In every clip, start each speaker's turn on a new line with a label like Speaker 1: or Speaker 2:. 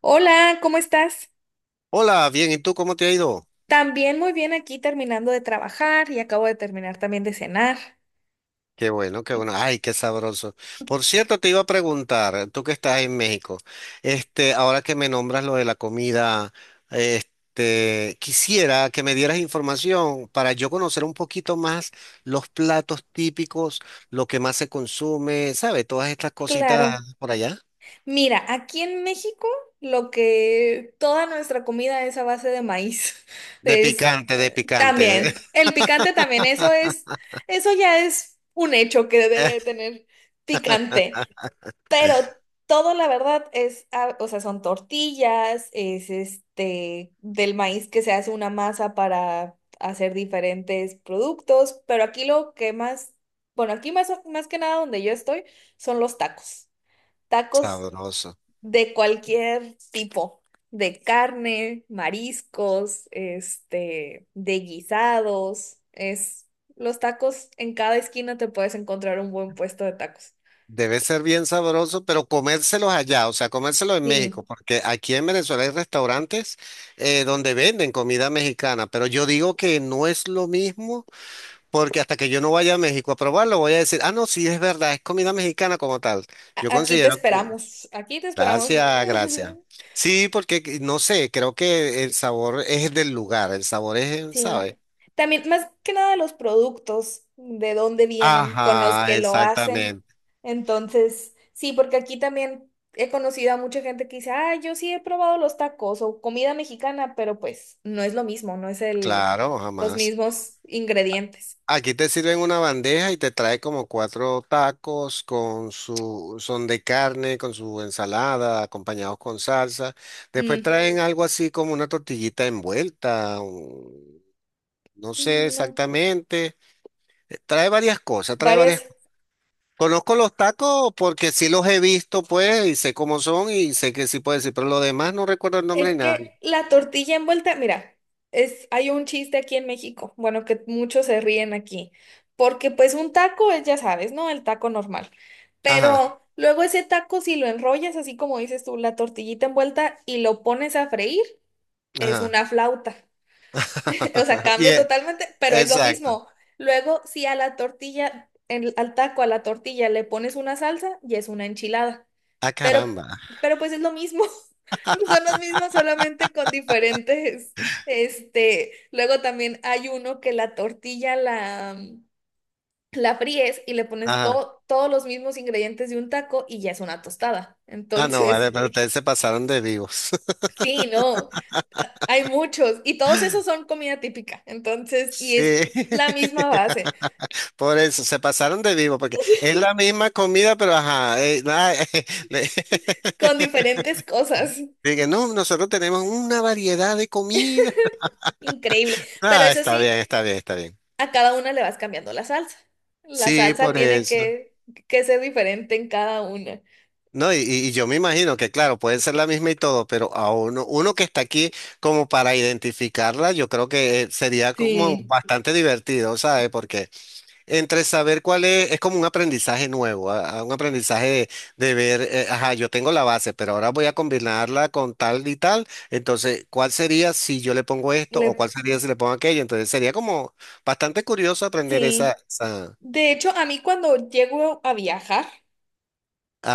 Speaker 1: Hola, ¿cómo estás?
Speaker 2: Hola, bien, ¿y tú cómo te ha ido?
Speaker 1: También muy bien aquí terminando de trabajar y acabo de terminar también de cenar.
Speaker 2: Qué bueno, qué bueno. Ay, qué sabroso. Por cierto, te iba a preguntar, tú que estás en México, ahora que me nombras lo de la comida, quisiera que me dieras información para yo conocer un poquito más los platos típicos, lo que más se consume, ¿sabes? Todas estas
Speaker 1: Claro.
Speaker 2: cositas por allá.
Speaker 1: Mira, aquí en México lo que toda nuestra comida es a base de maíz.
Speaker 2: De
Speaker 1: Es,
Speaker 2: picante, de picante.
Speaker 1: también, el picante también, eso es, eso ya es un hecho que debe de tener picante. Pero todo, la verdad, es, o sea, son tortillas, es del maíz que se hace una masa para hacer diferentes productos, pero aquí lo que más, bueno, aquí más, más que nada donde yo estoy, son los tacos. Tacos
Speaker 2: Sabroso.
Speaker 1: de cualquier tipo, de carne, mariscos, de guisados, es, los tacos, en cada esquina te puedes encontrar un buen puesto de tacos.
Speaker 2: Debe ser bien sabroso, pero comérselos allá, o sea, comérselos en
Speaker 1: Sí.
Speaker 2: México, porque aquí en Venezuela hay restaurantes donde venden comida mexicana, pero yo digo que no es lo mismo, porque hasta que yo no vaya a México a probarlo, voy a decir, ah, no, sí, es verdad, es comida mexicana como tal. Yo
Speaker 1: Aquí te
Speaker 2: considero que.
Speaker 1: esperamos, aquí te esperamos.
Speaker 2: Gracias, gracias. Sí, porque no sé, creo que el sabor es del lugar, el sabor es,
Speaker 1: Sí.
Speaker 2: ¿sabe?
Speaker 1: También, más que nada, los productos, de dónde vienen, con los
Speaker 2: Ajá,
Speaker 1: que lo hacen.
Speaker 2: exactamente,
Speaker 1: Entonces, sí, porque aquí también he conocido a mucha gente que dice, ah, yo sí he probado los tacos o comida mexicana, pero pues no es lo mismo, no es el,
Speaker 2: claro,
Speaker 1: los
Speaker 2: jamás.
Speaker 1: mismos ingredientes.
Speaker 2: Aquí te sirven una bandeja y te trae como cuatro tacos son de carne, con su ensalada, acompañados con salsa. Después
Speaker 1: Mm.
Speaker 2: traen algo así como una tortillita envuelta, no sé
Speaker 1: No.
Speaker 2: exactamente. Trae varias cosas, trae varias
Speaker 1: Varias.
Speaker 2: cosas. Conozco los tacos porque sí los he visto, pues, y sé cómo son y sé que sí puedo decir, pero lo demás no recuerdo el nombre
Speaker 1: Es
Speaker 2: ni nada.
Speaker 1: que la tortilla envuelta, mira, es, hay un chiste aquí en México, bueno, que muchos se ríen aquí, porque pues un taco es, ya sabes, ¿no? El taco normal.
Speaker 2: Ajá,
Speaker 1: Pero luego ese taco, si lo enrollas, así como dices tú, la tortillita envuelta y lo pones a freír, es
Speaker 2: ajá.
Speaker 1: una flauta. O sea,
Speaker 2: Y
Speaker 1: cambia totalmente, pero es lo
Speaker 2: exacto.
Speaker 1: mismo. Luego, si a la tortilla, al taco, a la tortilla le pones una salsa, ya es una enchilada.
Speaker 2: Ah,
Speaker 1: Pero,
Speaker 2: caramba.
Speaker 1: pero pues es lo mismo. Son los mismos, solamente con diferentes, luego también hay uno que la fríes y le pones
Speaker 2: Ajá.
Speaker 1: todos los mismos ingredientes de un taco y ya es una tostada.
Speaker 2: Ah, no,
Speaker 1: Entonces,
Speaker 2: vale, pero ustedes se pasaron de vivos.
Speaker 1: sí, no, hay muchos y todos esos son comida típica. Entonces, y es
Speaker 2: Sí.
Speaker 1: la misma base,
Speaker 2: Por eso, se pasaron de vivo, porque es la misma comida, pero ajá. Le-
Speaker 1: con diferentes cosas.
Speaker 2: Dije, no, nosotros tenemos una variedad de comida.
Speaker 1: Increíble. Pero
Speaker 2: Ah,
Speaker 1: eso
Speaker 2: está
Speaker 1: sí,
Speaker 2: bien, está bien, está bien.
Speaker 1: a cada una le vas cambiando la salsa. La
Speaker 2: Sí,
Speaker 1: salsa
Speaker 2: por
Speaker 1: tiene
Speaker 2: eso.
Speaker 1: que ser diferente en cada una.
Speaker 2: No, y yo me imagino que, claro, puede ser la misma y todo, pero a uno que está aquí como para identificarla, yo creo que sería como
Speaker 1: Sí.
Speaker 2: bastante divertido, ¿sabes? Porque entre saber cuál es como un aprendizaje nuevo, a un aprendizaje de ver, ajá, yo tengo la base, pero ahora voy a combinarla con tal y tal, entonces, ¿cuál sería si yo le pongo esto o cuál
Speaker 1: Le-
Speaker 2: sería si le pongo aquello? Entonces, sería como bastante curioso aprender
Speaker 1: sí.
Speaker 2: esa,
Speaker 1: De hecho, a mí cuando llego a viajar,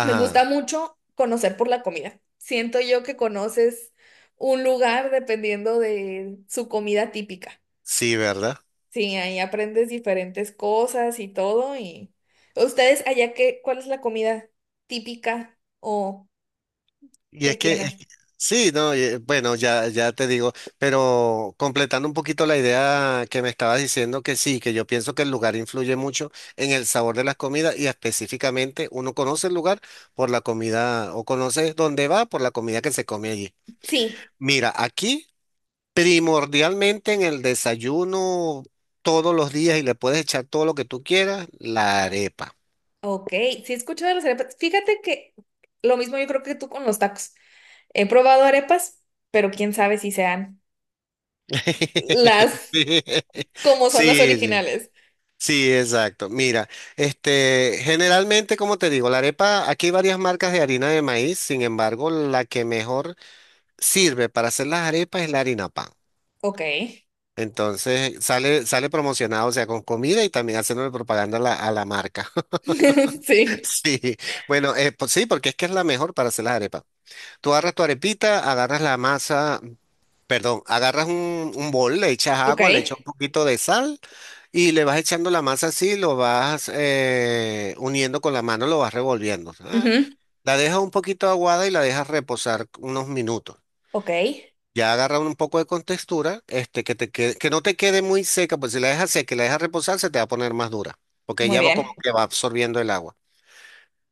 Speaker 1: me gusta mucho conocer por la comida. Siento yo que conoces un lugar dependiendo de su comida típica.
Speaker 2: sí, ¿verdad?
Speaker 1: Sí, ahí aprendes diferentes cosas y todo. Y ustedes allá qué, ¿cuál es la comida típica o
Speaker 2: Y
Speaker 1: que
Speaker 2: es que,
Speaker 1: tienen?
Speaker 2: sí, no, bueno, ya te digo, pero completando un poquito la idea que me estabas diciendo, que sí, que yo pienso que el lugar influye mucho en el sabor de las comidas y específicamente uno conoce el lugar por la comida o conoce dónde va por la comida que se come allí.
Speaker 1: Sí.
Speaker 2: Mira, aquí primordialmente en el desayuno todos los días y le puedes echar todo lo que tú quieras, la arepa.
Speaker 1: Ok, sí he escuchado de las arepas. Fíjate que lo mismo yo creo que tú con los tacos. He probado arepas, pero quién sabe si sean las como son las
Speaker 2: Sí, sí.
Speaker 1: originales.
Speaker 2: Sí, exacto. Mira, generalmente, como te digo, la arepa, aquí hay varias marcas de harina de maíz, sin embargo, la que mejor sirve para hacer las arepas es la harina pan.
Speaker 1: Ok.
Speaker 2: Entonces, sale promocionado, o sea, con comida y también haciéndole propaganda a la marca.
Speaker 1: Sí.
Speaker 2: Sí, bueno, pues sí, porque es que es la mejor para hacer las arepas. Tú agarras tu arepita, agarras la masa. Perdón, agarras un bol, le echas
Speaker 1: Ok.
Speaker 2: agua, le echas un poquito de sal y le vas echando la masa así, lo vas uniendo con la mano, lo vas revolviendo. Ah.
Speaker 1: Ujú.
Speaker 2: La dejas un poquito aguada y la dejas reposar unos minutos.
Speaker 1: Ok.
Speaker 2: Ya agarra un poco de contextura, que no te quede muy seca, pues si la dejas seca y la dejas reposar, se te va a poner más dura, porque
Speaker 1: Muy
Speaker 2: ya va como
Speaker 1: bien.
Speaker 2: que va absorbiendo el agua.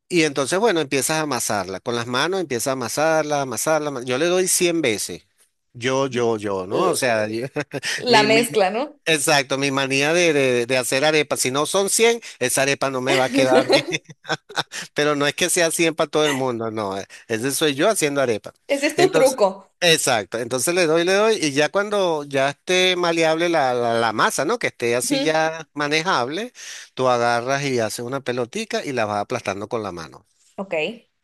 Speaker 2: Y entonces, bueno, empiezas a amasarla. Con las manos empiezas a amasarla, amasarla. Yo le doy 100 veces. Yo, ¿no? O
Speaker 1: L-
Speaker 2: sea,
Speaker 1: La
Speaker 2: mi, mi-
Speaker 1: mezcla, ¿no?
Speaker 2: exacto, mi manía de hacer arepas. Si no son 100 esa arepa no me va a quedar bien. Pero no es que sea 100 para todo el mundo, no. Ese soy yo haciendo arepa.
Speaker 1: Ese es tu
Speaker 2: Entonces,
Speaker 1: truco.
Speaker 2: exacto. Entonces le doy, le doy. Y ya cuando ya esté maleable la masa, ¿no? Que esté así
Speaker 1: Ujú.
Speaker 2: ya manejable, tú agarras y haces una pelotica y la vas aplastando con la mano.
Speaker 1: Ok.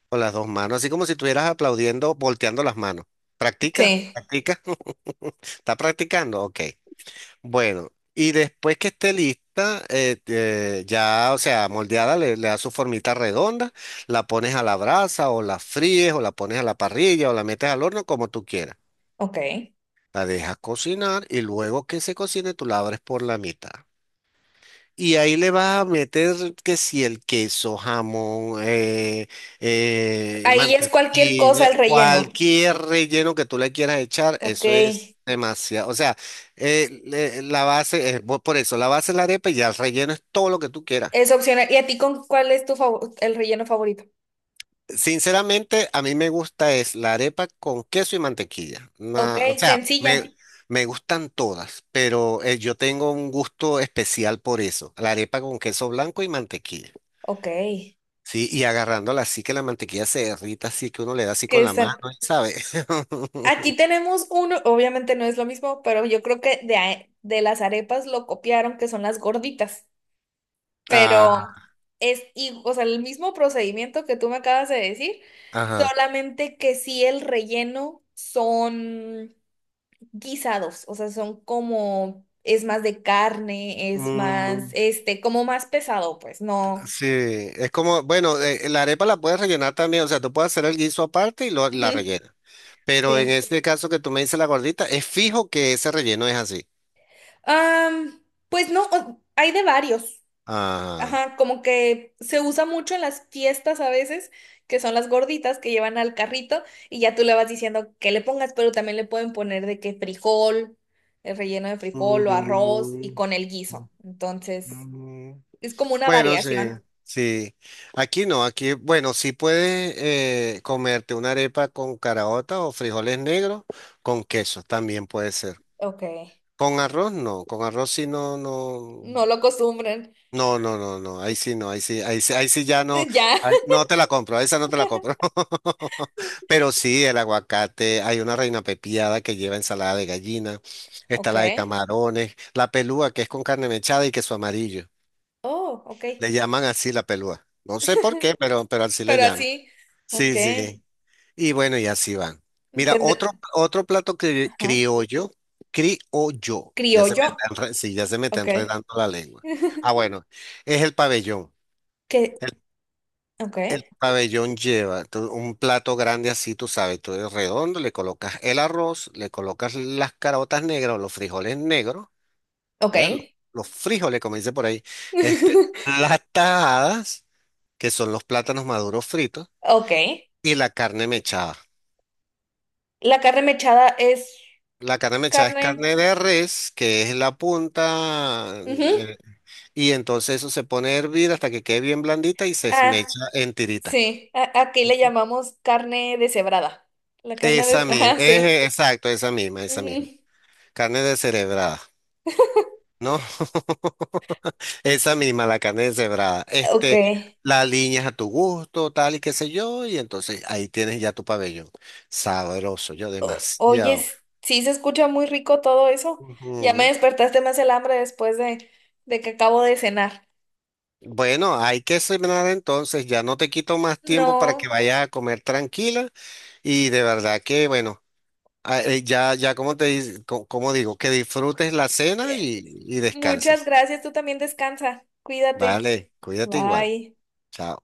Speaker 2: Con las dos manos, así como si estuvieras aplaudiendo, volteando las manos. ¿Practica?
Speaker 1: Sí.
Speaker 2: ¿Practica? ¿Está practicando? Ok. Bueno, y después que esté lista, ya, o sea, moldeada, le das su formita redonda, la pones a la brasa o la fríes o la pones a la parrilla o la metes al horno como tú quieras.
Speaker 1: Ok. Ahí
Speaker 2: La dejas cocinar y luego que se cocine, tú la abres por la mitad. Y ahí le vas a meter que si el queso, jamón,
Speaker 1: es cualquier cosa
Speaker 2: mantequilla,
Speaker 1: el relleno.
Speaker 2: cualquier relleno que tú le quieras echar,
Speaker 1: Ok.
Speaker 2: eso es demasiado. O sea, la base es, por eso, la base es la arepa y ya el relleno es todo lo que tú quieras.
Speaker 1: Es opcional. ¿Y a ti con cuál es tu favor el relleno favorito?
Speaker 2: Sinceramente, a mí me gusta es la arepa con queso y mantequilla.
Speaker 1: Ok,
Speaker 2: O sea, me,
Speaker 1: sencilla.
Speaker 2: me gustan todas, pero yo tengo un gusto especial por eso, la arepa con queso blanco y mantequilla.
Speaker 1: Ok.
Speaker 2: Sí, y agarrándola así que la mantequilla se derrita, así que uno le da así con
Speaker 1: Que
Speaker 2: la mano,
Speaker 1: san-
Speaker 2: ¿sabes?
Speaker 1: Aquí tenemos uno, obviamente no es lo mismo, pero yo creo que de las arepas lo copiaron, que son las gorditas.
Speaker 2: Ah,
Speaker 1: Pero es, o sea, el mismo procedimiento que tú me acabas de decir,
Speaker 2: ajá.
Speaker 1: solamente que sí el relleno son guisados, o sea, son como, es más de carne, es más,
Speaker 2: Mm,
Speaker 1: como más pesado, pues, no.
Speaker 2: sí, es como, bueno, la arepa la puedes rellenar también, o sea, tú puedes hacer el guiso aparte y lo, la
Speaker 1: Ujú.
Speaker 2: rellenas. Pero en
Speaker 1: Sí.
Speaker 2: este caso que tú me dices la gordita, es fijo que ese relleno es así.
Speaker 1: Am, pues no, hay de varios.
Speaker 2: Ajá.
Speaker 1: Ajá, como que se usa mucho en las fiestas a veces, que son las gorditas que llevan al carrito y ya tú le vas diciendo que le pongas, pero también le pueden poner de que frijol, el relleno de
Speaker 2: Mm,
Speaker 1: frijol o arroz y
Speaker 2: mm,
Speaker 1: con el
Speaker 2: mm,
Speaker 1: guiso. Entonces,
Speaker 2: mm.
Speaker 1: es como una
Speaker 2: Bueno, sí,
Speaker 1: variación.
Speaker 2: sí. Aquí no, aquí, bueno, sí puedes comerte una arepa con caraota o frijoles negros con queso, también puede ser.
Speaker 1: Ok,
Speaker 2: Con arroz no, con arroz sí no, no,
Speaker 1: no lo acostumbran.
Speaker 2: no, no, no, no, ahí sí no, ahí sí, ahí sí, ahí sí ya no,
Speaker 1: Ya.
Speaker 2: no te la compro, esa no te la compro. Pero sí, el aguacate, hay una reina pepiada que lleva ensalada de gallina, está
Speaker 1: Ok.
Speaker 2: la de camarones, la pelúa que es con carne mechada y queso amarillo.
Speaker 1: Oh, ok.
Speaker 2: Le llaman así la pelúa. No sé por qué, pero así le
Speaker 1: Pero
Speaker 2: llaman.
Speaker 1: así. Ok.
Speaker 2: Sí, sí. Y bueno, y así van. Mira,
Speaker 1: Entender.
Speaker 2: otro plato
Speaker 1: Ajá.
Speaker 2: criollo, criollo, ya se me
Speaker 1: Criollo.
Speaker 2: está sí, ya se me está
Speaker 1: Ok.
Speaker 2: enredando la lengua. Ah, bueno, es el pabellón.
Speaker 1: qué.
Speaker 2: El,
Speaker 1: Ok.
Speaker 2: el pabellón lleva un plato grande así, tú sabes, tú eres redondo, le colocas el arroz, le colocas las carotas negras o los frijoles negros,
Speaker 1: Ok.
Speaker 2: ¿verdad? Los frijoles, como dice por ahí, las tajadas, que son los plátanos maduros fritos,
Speaker 1: Ok.
Speaker 2: y la carne mechada.
Speaker 1: La carne mechada es
Speaker 2: La carne mechada es
Speaker 1: carne.
Speaker 2: carne de res, que es la punta,
Speaker 1: Ujú.
Speaker 2: eh, y entonces eso se pone a hervir hasta que quede bien blandita y se
Speaker 1: Ah,
Speaker 2: esmecha en tirita.
Speaker 1: sí. Aquí le llamamos carne deshebrada. La carne
Speaker 2: Esa
Speaker 1: de...
Speaker 2: misma,
Speaker 1: Ajá, sí.
Speaker 2: exacto, esa misma, esa misma.
Speaker 1: Ujú.
Speaker 2: Carne descerebrada, ¿no? Esa misma, la carne deshebrada.
Speaker 1: Ok.
Speaker 2: La alineas a tu gusto, tal y qué sé yo, y entonces ahí tienes ya tu pabellón. Sabroso, yo
Speaker 1: Oye,
Speaker 2: demasiado.
Speaker 1: sí se escucha muy rico todo eso. Ya me
Speaker 2: Ujú.
Speaker 1: despertaste más el hambre después de que acabo de cenar.
Speaker 2: Bueno, hay que cenar entonces, ya no te quito más tiempo para que
Speaker 1: No.
Speaker 2: vayas a comer tranquila y de verdad que, bueno, ya como te di- co- como digo, que disfrutes la cena
Speaker 1: eh,
Speaker 2: y
Speaker 1: muchas
Speaker 2: descanses.
Speaker 1: gracias. Tú también descansa. Cuídate.
Speaker 2: Vale, cuídate igual.
Speaker 1: Bye.
Speaker 2: Chao.